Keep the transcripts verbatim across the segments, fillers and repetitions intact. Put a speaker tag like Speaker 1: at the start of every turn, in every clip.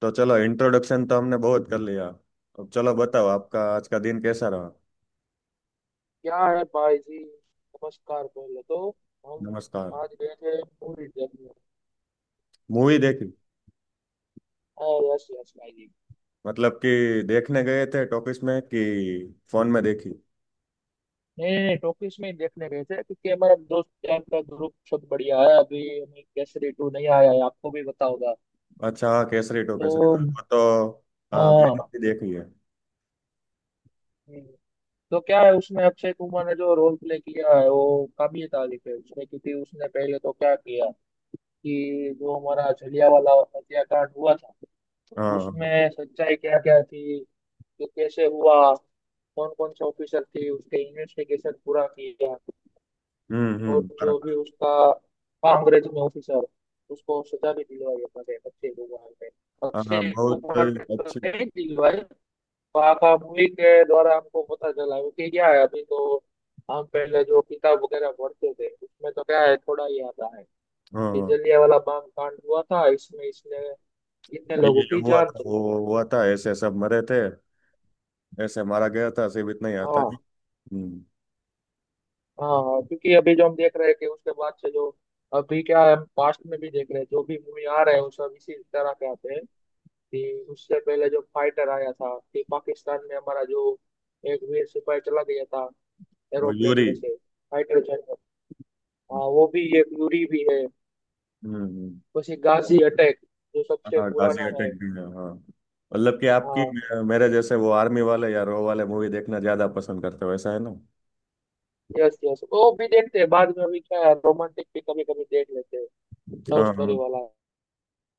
Speaker 1: तो चलो, इंट्रोडक्शन तो हमने बहुत कर लिया। अब चलो बताओ, आपका आज का दिन कैसा रहा।
Speaker 2: क्या है भाई जी, नमस्कार बोले तो।
Speaker 1: नमस्कार।
Speaker 2: हम आज गए थे मूवी देखने।
Speaker 1: मूवी देखी?
Speaker 2: हाँ, यस यस भाई जी।
Speaker 1: मतलब कि देखने गए थे टॉकीज में कि फोन में देखी?
Speaker 2: नहीं नहीं, टॉकीज में ही देखने गए थे क्योंकि हमारा दोस्त यार का ग्रुप सब बढ़िया है। अभी हमें केसरी टू नहीं आया है, आपको भी पता होगा।
Speaker 1: अच्छा हाँ, केसरी टू।
Speaker 2: तो
Speaker 1: केसरी वो तो हाँ,
Speaker 2: हाँ
Speaker 1: मैंने भी देखी है।
Speaker 2: हम्म, तो क्या है, उसमें अक्षय कुमार ने जो रोल प्ले किया है वो काबिल तारीफ है। उसमें क्योंकि उसने पहले तो क्या किया कि जो हमारा जलियांवाला हत्याकांड हुआ था,
Speaker 1: हाँ।
Speaker 2: उसमें सच्चाई क्या क्या थी, तो कैसे हुआ, कौन कौन से ऑफिसर थे, उसके इन्वेस्टिगेशन पूरा किया।
Speaker 1: हम्म हम्म,
Speaker 2: और जो
Speaker 1: बराबर।
Speaker 2: भी उसका कांग्रेस में ऑफिसर, उसको सजा भी दिलवाई अपने अक्षय कुमार ने।
Speaker 1: हाँ हाँ,
Speaker 2: अक्षय
Speaker 1: बहुत
Speaker 2: कुमार ने तो
Speaker 1: अच्छी।
Speaker 2: नहीं दिलवाई, पापा मूवी के द्वारा हमको पता चला। क्योंकि क्या है, अभी तो हम पहले जो किताब वगैरह पढ़ते थे उसमें तो क्या है, थोड़ा ही आता है
Speaker 1: हाँ
Speaker 2: कि
Speaker 1: हाँ,
Speaker 2: जलियांवाला बाग कांड हुआ था, इसमें इसने इतने
Speaker 1: ये
Speaker 2: लोगों की
Speaker 1: हुआ
Speaker 2: जान
Speaker 1: था,
Speaker 2: चली
Speaker 1: वो
Speaker 2: गई।
Speaker 1: हुआ था, ऐसे सब मरे थे, ऐसे मारा गया था, सिर्फ इतना ही आता
Speaker 2: हाँ
Speaker 1: है। हम्म।
Speaker 2: हाँ, क्योंकि अभी जो हम देख रहे हैं कि उसके बाद से जो अभी क्या है, हम पास्ट में भी देख रहे हैं जो भी मूवी आ रहे हैं वो सब इसी तरह के आते हैं। कि उससे पहले जो फाइटर आया था, कि पाकिस्तान में हमारा जो एक वीर सिपाही चला गया था
Speaker 1: वो
Speaker 2: एरोप्लेन
Speaker 1: यूरी।
Speaker 2: में से, फाइटर जेट में। हाँ, वो भी एक यूरी भी है।
Speaker 1: हम्म हम्म।
Speaker 2: वैसे गाजी अटैक जो सबसे
Speaker 1: हाँ, गाजी
Speaker 2: पुराना है।
Speaker 1: अटैक भी है। हाँ, मतलब कि आपकी,
Speaker 2: हाँ,
Speaker 1: मेरे जैसे वो आर्मी वाले या रो वाले मूवी देखना ज्यादा पसंद करते हो, ऐसा है ना।
Speaker 2: यस यस, वो भी देखते हैं। बाद में अभी क्या है, रोमांटिक भी कभी कभी देख लेते हैं, लव
Speaker 1: हाँ
Speaker 2: स्टोरी
Speaker 1: हाँ।
Speaker 2: वाला।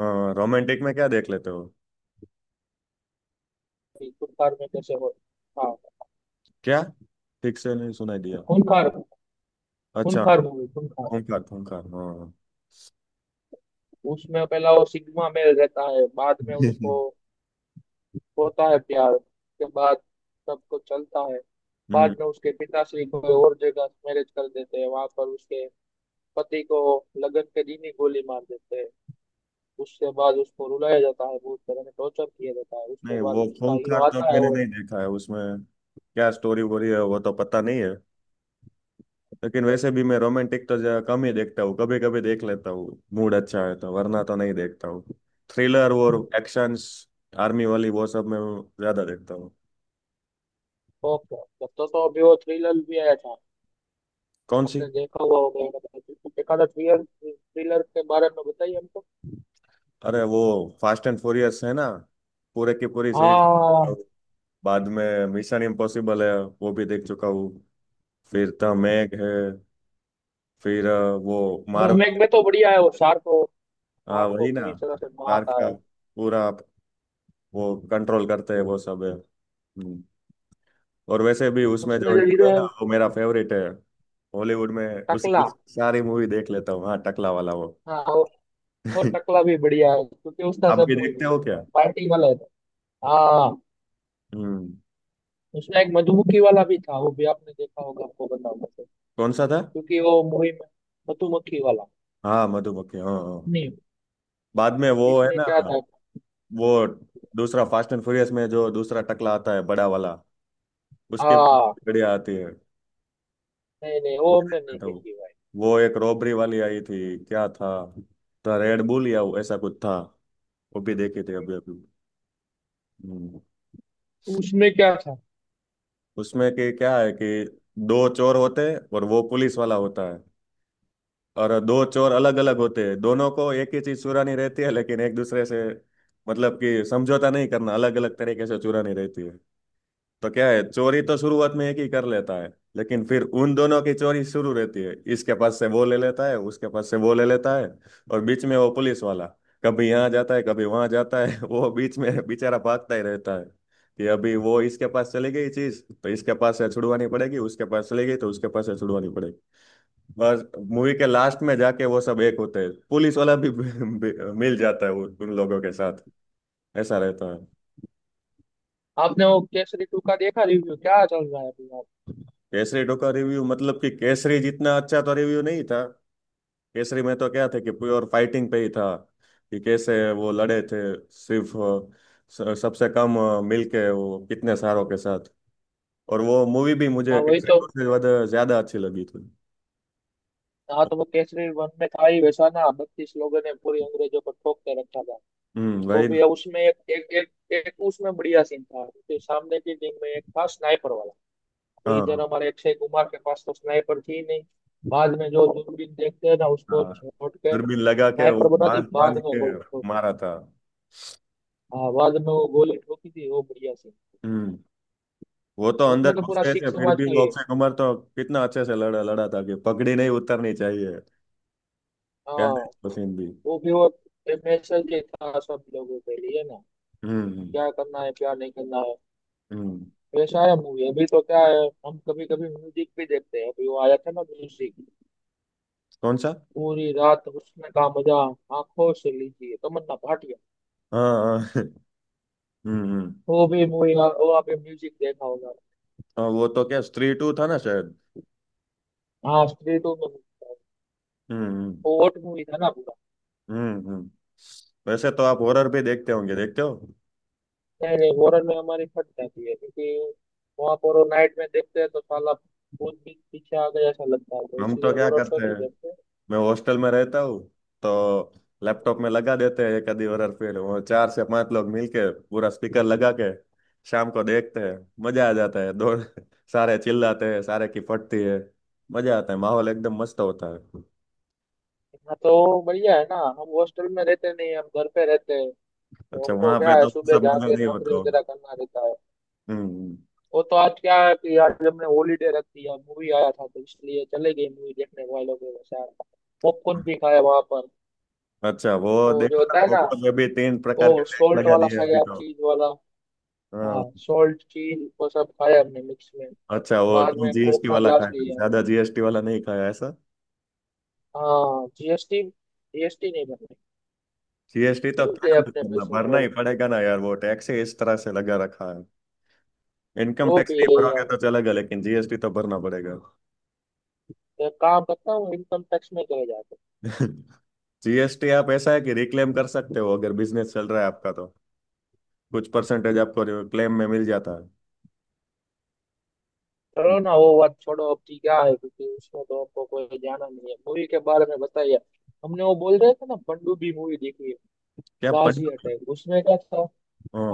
Speaker 1: हाँ, रोमांटिक में क्या देख लेते हो?
Speaker 2: कि खूंखार में कैसे हो। हाँ,
Speaker 1: क्या? ठीक से नहीं सुनाई दिया।
Speaker 2: खूंखार,
Speaker 1: अच्छा हाँ।
Speaker 2: खूंखार मूवी, खूंखार।
Speaker 1: खूंखार खूंखार, हाँ।
Speaker 2: उसमें पहला वो सिग्मा मेल रहता है, बाद में उसको होता है प्यार, के बाद सबको चलता है।
Speaker 1: हम्म।
Speaker 2: बाद में उसके पिताश्री कोई और जगह मैरिज कर देते हैं, वहां पर उसके पति को लगन के दिन ही गोली मार देते हैं। उसके बाद उसको रुलाया जाता है, बहुत तरह से टॉर्चर किया जाता है, उसके
Speaker 1: नहीं,
Speaker 2: बाद
Speaker 1: वो
Speaker 2: उसका हीरो
Speaker 1: खूंखार तो
Speaker 2: आता है
Speaker 1: मैंने
Speaker 2: और
Speaker 1: नहीं देखा है। उसमें क्या स्टोरी वोरी है, वो तो पता नहीं है। लेकिन वैसे भी मैं रोमांटिक तो ज- कम ही देखता हूँ। कभी कभी देख लेता हूँ, मूड अच्छा है तो, वरना तो नहीं देखता हूँ। थ्रिलर और एक्शंस, आर्मी वाली वो सब मैं ज्यादा देखता हूँ।
Speaker 2: ओके। तब तो, तो अभी वो थ्रिलर भी आया था,
Speaker 1: कौन सी?
Speaker 2: आपने देखा हुआ होगा। मतलब एक आधा थ्रिलर, थ्रिलर के बारे में बताइए हमको।
Speaker 1: अरे वो फास्ट एंड फ्यूरियस है ना, पूरे की पूरी सीरीज।
Speaker 2: हाँ,
Speaker 1: बाद में मिशन इम्पॉसिबल है, वो भी देख चुका हूँ। फिर द मैग है। फिर अ, वो
Speaker 2: मैक में
Speaker 1: मार्वल।
Speaker 2: तो बढ़िया है, वो सार को,
Speaker 1: हाँ,
Speaker 2: सार को
Speaker 1: वही ना।
Speaker 2: पूरी तरह से
Speaker 1: कार
Speaker 2: मारता
Speaker 1: का
Speaker 2: है।
Speaker 1: पूरा वो कंट्रोल करते हैं, वो सब है। हम्म। और वैसे भी उसमें जो
Speaker 2: उसमें
Speaker 1: हम्म।
Speaker 2: जो
Speaker 1: हीरो
Speaker 2: हीरो
Speaker 1: है ना,
Speaker 2: है,
Speaker 1: वो मेरा फेवरेट है। हॉलीवुड में उस,
Speaker 2: टकला।
Speaker 1: उस सारी मूवी देख लेता हूँ। हाँ, टकला वाला वो।
Speaker 2: हाँ वो, वो टकला भी बढ़िया है क्योंकि उसका
Speaker 1: आप
Speaker 2: सब
Speaker 1: भी
Speaker 2: मूवी
Speaker 1: देखते
Speaker 2: बढ़िया
Speaker 1: हो क्या?
Speaker 2: होता है, पार्टी वाला है तो। हाँ,
Speaker 1: हम्म।
Speaker 2: उसमें एक मधुमक्खी वाला भी था, वो भी आपने देखा होगा, आपको बताऊंगा तो।
Speaker 1: कौन सा था?
Speaker 2: क्योंकि वो मूवी में मधुमक्खी वाला।
Speaker 1: हाँ, मधुमक्खी, हाँ हाँ।
Speaker 2: नहीं,
Speaker 1: बाद में वो है
Speaker 2: इसमें क्या
Speaker 1: ना,
Speaker 2: था।
Speaker 1: वो दूसरा फास्ट एंड फ्यूरियस में जो दूसरा टकला आता है, बड़ा वाला, उसके भी
Speaker 2: हाँ,
Speaker 1: बढ़िया आती है।
Speaker 2: नहीं नहीं, वो
Speaker 1: कुछ
Speaker 2: हमने
Speaker 1: देखता
Speaker 2: नहीं
Speaker 1: था वो।
Speaker 2: देखी भाई।
Speaker 1: वो एक रॉबरी वाली आई थी, क्या था, तो रेड बुल या ऐसा कुछ था, वो भी देखी थी अभी अभी। हम्म।
Speaker 2: उसमें क्या था।
Speaker 1: उसमें कि क्या है कि दो चोर होते हैं और वो पुलिस वाला होता है। और दो चोर अलग अलग होते हैं, दोनों को एक ही चीज चुरानी रहती है, लेकिन एक दूसरे से मतलब कि समझौता नहीं करना, अलग अलग तरीके से चुरानी रहती है। तो क्या है, चोरी तो शुरुआत में एक ही कर लेता है, लेकिन फिर उन दोनों की चोरी शुरू रहती है, इसके पास से वो ले लेता है, उसके पास से वो ले लेता है। और बीच में वो पुलिस वाला कभी यहाँ जाता है, कभी वहां जाता है। वो बीच में बेचारा भागता ही रहता है कि अभी वो इसके पास चली गई चीज तो इसके पास से छुड़वानी पड़ेगी, उसके पास चली गई तो उसके पास से छुड़वानी पड़ेगी। बस, मूवी के लास्ट में जाके वो सब एक होते हैं, पुलिस वाला भी मिल जाता है उन उन लोगों के साथ। ऐसा रहता है।
Speaker 2: आपने वो केसरी टू का देखा, रिव्यू क्या चल रहा है अभी आप।
Speaker 1: केसरी टू का रिव्यू मतलब कि केसरी जितना अच्छा तो रिव्यू नहीं था। केसरी में तो क्या था कि प्योर फाइटिंग पे ही था, कि कैसे वो लड़े थे। सिर्फ अ, स- सबसे कम अ, मिलके वो कितने सारों के साथ। और वो मूवी भी
Speaker 2: हाँ,
Speaker 1: मुझे
Speaker 2: वही
Speaker 1: केसरी
Speaker 2: तो।
Speaker 1: टू से ज्यादा ज्यादा अच्छी लगी थी।
Speaker 2: हाँ, तो वो केसरी वन में था ही वैसा ना, बत्तीस लोगों ने पूरी अंग्रेजों को ठोक के रखा था।
Speaker 1: हम्म,
Speaker 2: वो
Speaker 1: वही।
Speaker 2: भी उसमें एक एक एक, एक उसमें बढ़िया सीन था, क्योंकि सामने की टीम में एक था स्नाइपर वाला। तो
Speaker 1: हाँ
Speaker 2: इधर हमारे अक्षय कुमार के पास तो स्नाइपर थी ही नहीं। बाद में जो दूरबीन देखते हैं ना, उसको
Speaker 1: हाँ।
Speaker 2: छोड़ के
Speaker 1: दूरबीन लगा के वो
Speaker 2: स्नाइपर बना दी,
Speaker 1: बांध
Speaker 2: बाद
Speaker 1: बांध
Speaker 2: में
Speaker 1: के
Speaker 2: गोली ठोकी।
Speaker 1: मारा था।
Speaker 2: हाँ, बाद में वो गोली ठोकी थी, वो बढ़िया सीन।
Speaker 1: हम्म। वो तो
Speaker 2: उसमें
Speaker 1: अंदर
Speaker 2: तो
Speaker 1: घुस
Speaker 2: पूरा
Speaker 1: गए
Speaker 2: सिख
Speaker 1: थे, फिर
Speaker 2: समाज
Speaker 1: भी
Speaker 2: का
Speaker 1: वो
Speaker 2: ही है।
Speaker 1: अक्षय कुमार तो कितना अच्छे से लड़ा लड़ा था कि पगड़ी नहीं उतरनी चाहिए।
Speaker 2: हाँ,
Speaker 1: प्यार, पसंद भी।
Speaker 2: वो भी वो मैसेज था सब लोगों के लिए ना,
Speaker 1: हम्म हम्म।
Speaker 2: क्या करना है क्या नहीं करना है।
Speaker 1: हम्म।
Speaker 2: पेश आया मूवी। अभी तो क्या है, हम कभी कभी म्यूजिक भी देखते हैं। अभी वो आया था ना म्यूजिक,
Speaker 1: कौन सा?
Speaker 2: पूरी रात उसमें का मजा आंखों से लीजिए, तमन्ना भाटिया।
Speaker 1: हाँ हाँ। हम्म हम्म।
Speaker 2: वो भी मूवी, वो आपने म्यूजिक देखा होगा।
Speaker 1: हाँ, वो तो क्या स्त्री टू था ना शायद।
Speaker 2: हाँ, स्त्री टू में music था।
Speaker 1: हम्म हम्म।
Speaker 2: वो हॉट मूवी था ना पूरा।
Speaker 1: हम्म हम्म। वैसे तो आप हॉरर भी देखते होंगे, देखते हो?
Speaker 2: नहीं नहीं, हॉरर में हमारी फट जाती है, क्योंकि वहां पर वो नाइट में देखते हैं तो साला भूत भी पीछे आ गया ऐसा लगता है, तो
Speaker 1: हम तो
Speaker 2: इसलिए
Speaker 1: क्या
Speaker 2: हॉरर शो
Speaker 1: करते हैं,
Speaker 2: नहीं देखते।
Speaker 1: मैं हॉस्टल में रहता हूँ तो लैपटॉप में लगा देते हैं एक आधी हॉरर फिल्म, वो चार से पांच लोग मिलके पूरा स्पीकर लगा के शाम को देखते हैं। मजा आ जाता है, दो सारे चिल्लाते हैं, सारे की फटती है। मजा आता है, माहौल एकदम मस्त होता है।
Speaker 2: हाँ तो बढ़िया है ना। हम हॉस्टल में रहते नहीं, हम घर पे रहते हैं। तो
Speaker 1: अच्छा, वहां
Speaker 2: हमको क्या
Speaker 1: पे
Speaker 2: है,
Speaker 1: तो
Speaker 2: सुबह
Speaker 1: सब मजा
Speaker 2: जाके
Speaker 1: नहीं होता
Speaker 2: नौकरी
Speaker 1: होगा।
Speaker 2: वगैरह करना रहता है।
Speaker 1: हम्म।
Speaker 2: वो तो आज क्या है कि आज हमने हॉलीडे रखी है, मूवी आया था तो इसलिए चले गए मूवी देखने वालों के साथ। पॉपकॉर्न भी खाया वहां पर,
Speaker 1: अच्छा वो
Speaker 2: वो जो
Speaker 1: देखो ना,
Speaker 2: होता है ना,
Speaker 1: बुक पर अभी तीन
Speaker 2: वो
Speaker 1: प्रकार के टैक्स
Speaker 2: सॉल्ट
Speaker 1: लगा
Speaker 2: वाला
Speaker 1: दिए अभी
Speaker 2: खाया,
Speaker 1: तो।
Speaker 2: चीज वाला।
Speaker 1: हाँ।
Speaker 2: हाँ, सॉल्ट चीज वो सब खाया हमने, मिक्स में।
Speaker 1: अच्छा, वो
Speaker 2: बाद
Speaker 1: तुम
Speaker 2: में कोक
Speaker 1: जीएसटी
Speaker 2: का
Speaker 1: वाला
Speaker 2: ग्लास
Speaker 1: खाया,
Speaker 2: लिया।
Speaker 1: ज्यादा जीएसटी वाला नहीं खाया, ऐसा?
Speaker 2: हाँ, जीएसटी, जीएसटी नहीं भरना।
Speaker 1: जीएसटी तो
Speaker 2: क्यों दे
Speaker 1: क्या मैं
Speaker 2: अपने
Speaker 1: करना,
Speaker 2: पैसे
Speaker 1: भरना ही
Speaker 2: गवर्नमेंट को।
Speaker 1: पड़ेगा ना यार, वो टैक्स ही इस तरह से लगा रखा है। इनकम
Speaker 2: वो
Speaker 1: टैक्स
Speaker 2: भी
Speaker 1: नहीं
Speaker 2: है
Speaker 1: भरोगे
Speaker 2: यार।
Speaker 1: तो चलेगा, लेकिन जीएसटी तो भरना पड़ेगा।
Speaker 2: एक काम करता हूँ, इनकम टैक्स में चले जाते।
Speaker 1: जीएसटी आप ऐसा है कि रिक्लेम कर सकते हो, अगर बिजनेस चल रहा है आपका तो कुछ परसेंटेज आपको क्लेम में मिल जाता है।
Speaker 2: चलो ना, वो बात छोड़ो अब ठीक। क्या है, क्योंकि उसमें तो आपको कोई जाना नहीं है। मूवी के बारे में बताइए। हमने वो बोल रहे थे ना, पनडुब्बी मूवी देखी है,
Speaker 1: क्या पंडित
Speaker 2: बाजी
Speaker 1: हो?
Speaker 2: अटैक, उसमें क्या था।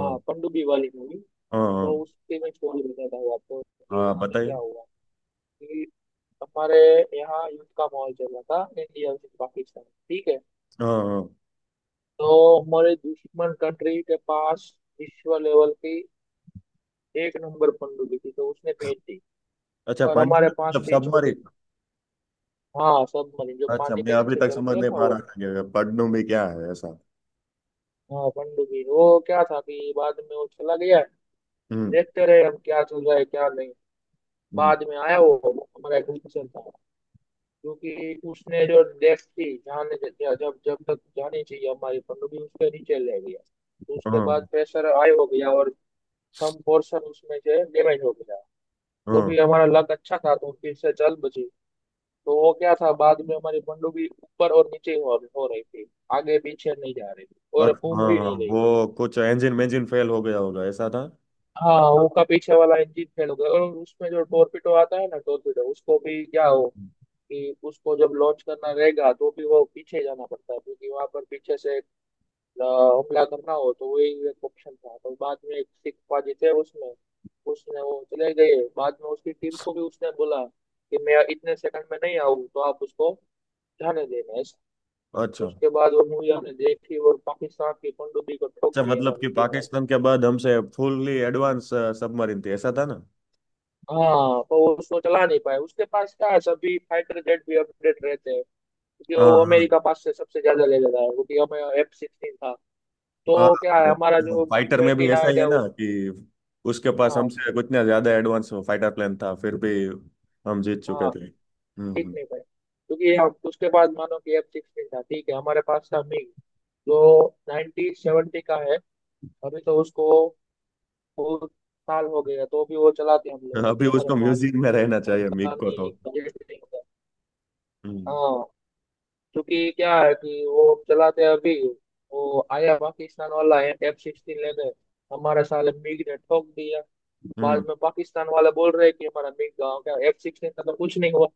Speaker 2: हाँ, पनडुब्बी वाली मूवी।
Speaker 1: हाँ हाँ।
Speaker 2: तो उसके मैं स्टोरी बताता हूँ आपको कि
Speaker 1: हाँ,
Speaker 2: उसमें क्या
Speaker 1: बताइए।
Speaker 2: हुआ, कि हमारे यहाँ युद्ध का माहौल चल रहा था, इंडिया वर्सेस पाकिस्तान, ठीक है।
Speaker 1: हाँ हाँ।
Speaker 2: तो हमारे दुश्मन कंट्री के पास विश्व लेवल की एक नंबर पनडुब्बी थी, तो उसने भेज दी।
Speaker 1: अच्छा
Speaker 2: और
Speaker 1: पंडित
Speaker 2: हमारे पास
Speaker 1: मतलब
Speaker 2: थी छोटी।
Speaker 1: सबमरीन?
Speaker 2: हाँ, सबमरीन, जो
Speaker 1: अच्छा,
Speaker 2: पानी
Speaker 1: मैं
Speaker 2: के
Speaker 1: अभी
Speaker 2: नीचे
Speaker 1: तक
Speaker 2: चलती
Speaker 1: समझ
Speaker 2: है
Speaker 1: नहीं
Speaker 2: ना
Speaker 1: पा रहा
Speaker 2: वो।
Speaker 1: था कि पन्नू में क्या है ऐसा।
Speaker 2: हाँ, पनडुब्बी, वो क्या था कि बाद में वो चला गया।
Speaker 1: हम्म
Speaker 2: देखते रहे हम क्या चल रहा है क्या नहीं।
Speaker 1: हम्म।
Speaker 2: बाद में आया वो, हमारा एक ऑफिसर था, क्योंकि उसने जो डेस्क थी जाने, जब जब तक जानी चाहिए हमारी पनडुब्बी उसके नीचे ले गया। तो उसके
Speaker 1: हाँ
Speaker 2: बाद प्रेशर हाई हो गया और सम पोर्शन उसमें से डैमेज हो गया। तो
Speaker 1: हाँ।
Speaker 2: भी हमारा लक अच्छा था तो फिर से चल बची। तो वो क्या था, बाद में हमारी पनडुब्बी ऊपर और नीचे हो, हो रही थी, आगे पीछे नहीं जा रही थी और
Speaker 1: अच्छा
Speaker 2: घूम
Speaker 1: हाँ
Speaker 2: भी
Speaker 1: हाँ,
Speaker 2: नहीं रही थी।
Speaker 1: वो कुछ इंजन इंजन फेल हो गया होगा, ऐसा था।
Speaker 2: हाँ वो का पीछे वाला इंजन फेल हो गया। और उसमें जो टोरपीडो आता है ना, टोरपीडो, उसको भी क्या हो कि उसको जब लॉन्च करना रहेगा तो भी वो पीछे जाना पड़ता है, क्योंकि वहां पर पीछे से अ, हमला करना हो तो वही एक ऑप्शन था। तो बाद में एक सिख पाजी थे उसमें, उसने वो चले गए। बाद में उसकी टीम को भी उसने बोला कि मैं इतने सेकंड में नहीं आऊँ तो आप उसको जाने देना।
Speaker 1: अच्छा।
Speaker 2: उसके बाद वो मूवी हमने देखी, और पाकिस्तान की पनडुब्बी को ठोक
Speaker 1: अच्छा
Speaker 2: दिया था
Speaker 1: मतलब कि
Speaker 2: मीडिया वाले।
Speaker 1: पाकिस्तान के बाद हमसे फुल्ली एडवांस सबमरीन थी, ऐसा था ना।
Speaker 2: हाँ पर वो उसको चला नहीं पाए। उसके पास क्या है, सभी फाइटर जेट भी अपडेट रहते हैं क्योंकि
Speaker 1: हाँ
Speaker 2: वो
Speaker 1: हाँ।
Speaker 2: अमेरिका पास से सबसे ज्यादा ले लेता है। क्योंकि हमें एफ सिक्सटीन था,
Speaker 1: हाँ
Speaker 2: तो क्या है,
Speaker 1: वो,
Speaker 2: हमारा
Speaker 1: वो
Speaker 2: जो
Speaker 1: फाइटर में
Speaker 2: ट्वेंटी
Speaker 1: भी ऐसा ही
Speaker 2: नाइन
Speaker 1: है
Speaker 2: है
Speaker 1: ना
Speaker 2: वो।
Speaker 1: कि उसके पास
Speaker 2: हाँ
Speaker 1: हमसे कुछ ना ज्यादा एडवांस फाइटर प्लेन था, फिर भी हम जीत चुके
Speaker 2: हाँ,
Speaker 1: थे। हम्म
Speaker 2: ठीक
Speaker 1: हम्म।
Speaker 2: नहीं पाए क्योंकि हम उसके बाद मानो कि एफ सिक्सटीन था ठीक है, हमारे पास था मिग, जो नाइनटीन सेवेंटी का है। अभी तो उसको बहुत साल हो गया, तो भी वो चलाते हैं हम लोग क्योंकि
Speaker 1: अभी
Speaker 2: हमारे
Speaker 1: उसको
Speaker 2: पास,
Speaker 1: म्यूजिक में रहना चाहिए
Speaker 2: पता
Speaker 1: मिक को तो।
Speaker 2: नहीं, बजट नहीं होता।
Speaker 1: हम्म।
Speaker 2: हाँ, क्योंकि क्या है कि वो चलाते हैं अभी। वो आया पाकिस्तान वाला एफ सिक्सटीन लेने, हमारे साले मिग ने ठोक दिया।
Speaker 1: हम्म।
Speaker 2: बाद में पाकिस्तान वाले बोल रहे हैं कि हमारा मिग गाँव का, एफ सिक्सटीन का तो कुछ नहीं हुआ।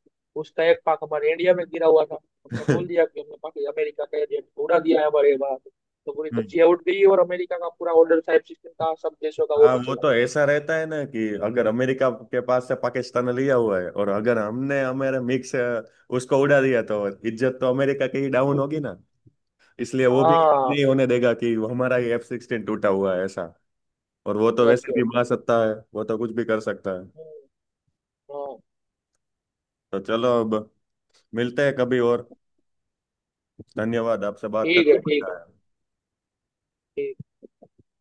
Speaker 2: उसका एक पाक हमारे इंडिया में गिरा हुआ था, हमने बोल दिया कि हमने पाकि अमेरिका का एजेंट उड़ा दिया है हमारे यहाँ। तो पूरी
Speaker 1: हम्म।
Speaker 2: तजिया उठ गई, और अमेरिका का पूरा ऑर्डर था एफ सिक्सटीन का सब देशों का, वो
Speaker 1: हाँ,
Speaker 2: भी
Speaker 1: वो
Speaker 2: चला
Speaker 1: तो
Speaker 2: गया।
Speaker 1: ऐसा रहता है ना कि अगर अमेरिका के पास से पाकिस्तान लिया हुआ है, और अगर हमने हमारे मिक्स उसको उड़ा दिया तो इज्जत तो अमेरिका की ही डाउन होगी ना, इसलिए वो भी
Speaker 2: हाँ,
Speaker 1: नहीं होने देगा कि वो हमारा ही एफ सिक्सटीन टूटा हुआ है, ऐसा। और वो तो
Speaker 2: यस
Speaker 1: वैसे भी
Speaker 2: यस।
Speaker 1: महासत्ता है, वो तो कुछ भी कर सकता है।
Speaker 2: हाँ,
Speaker 1: तो चलो, अब मिलते हैं कभी और। धन्यवाद, आपसे बात
Speaker 2: ठीक है,
Speaker 1: करना
Speaker 2: ठीक
Speaker 1: पड़ता
Speaker 2: है,
Speaker 1: है।
Speaker 2: ठीक।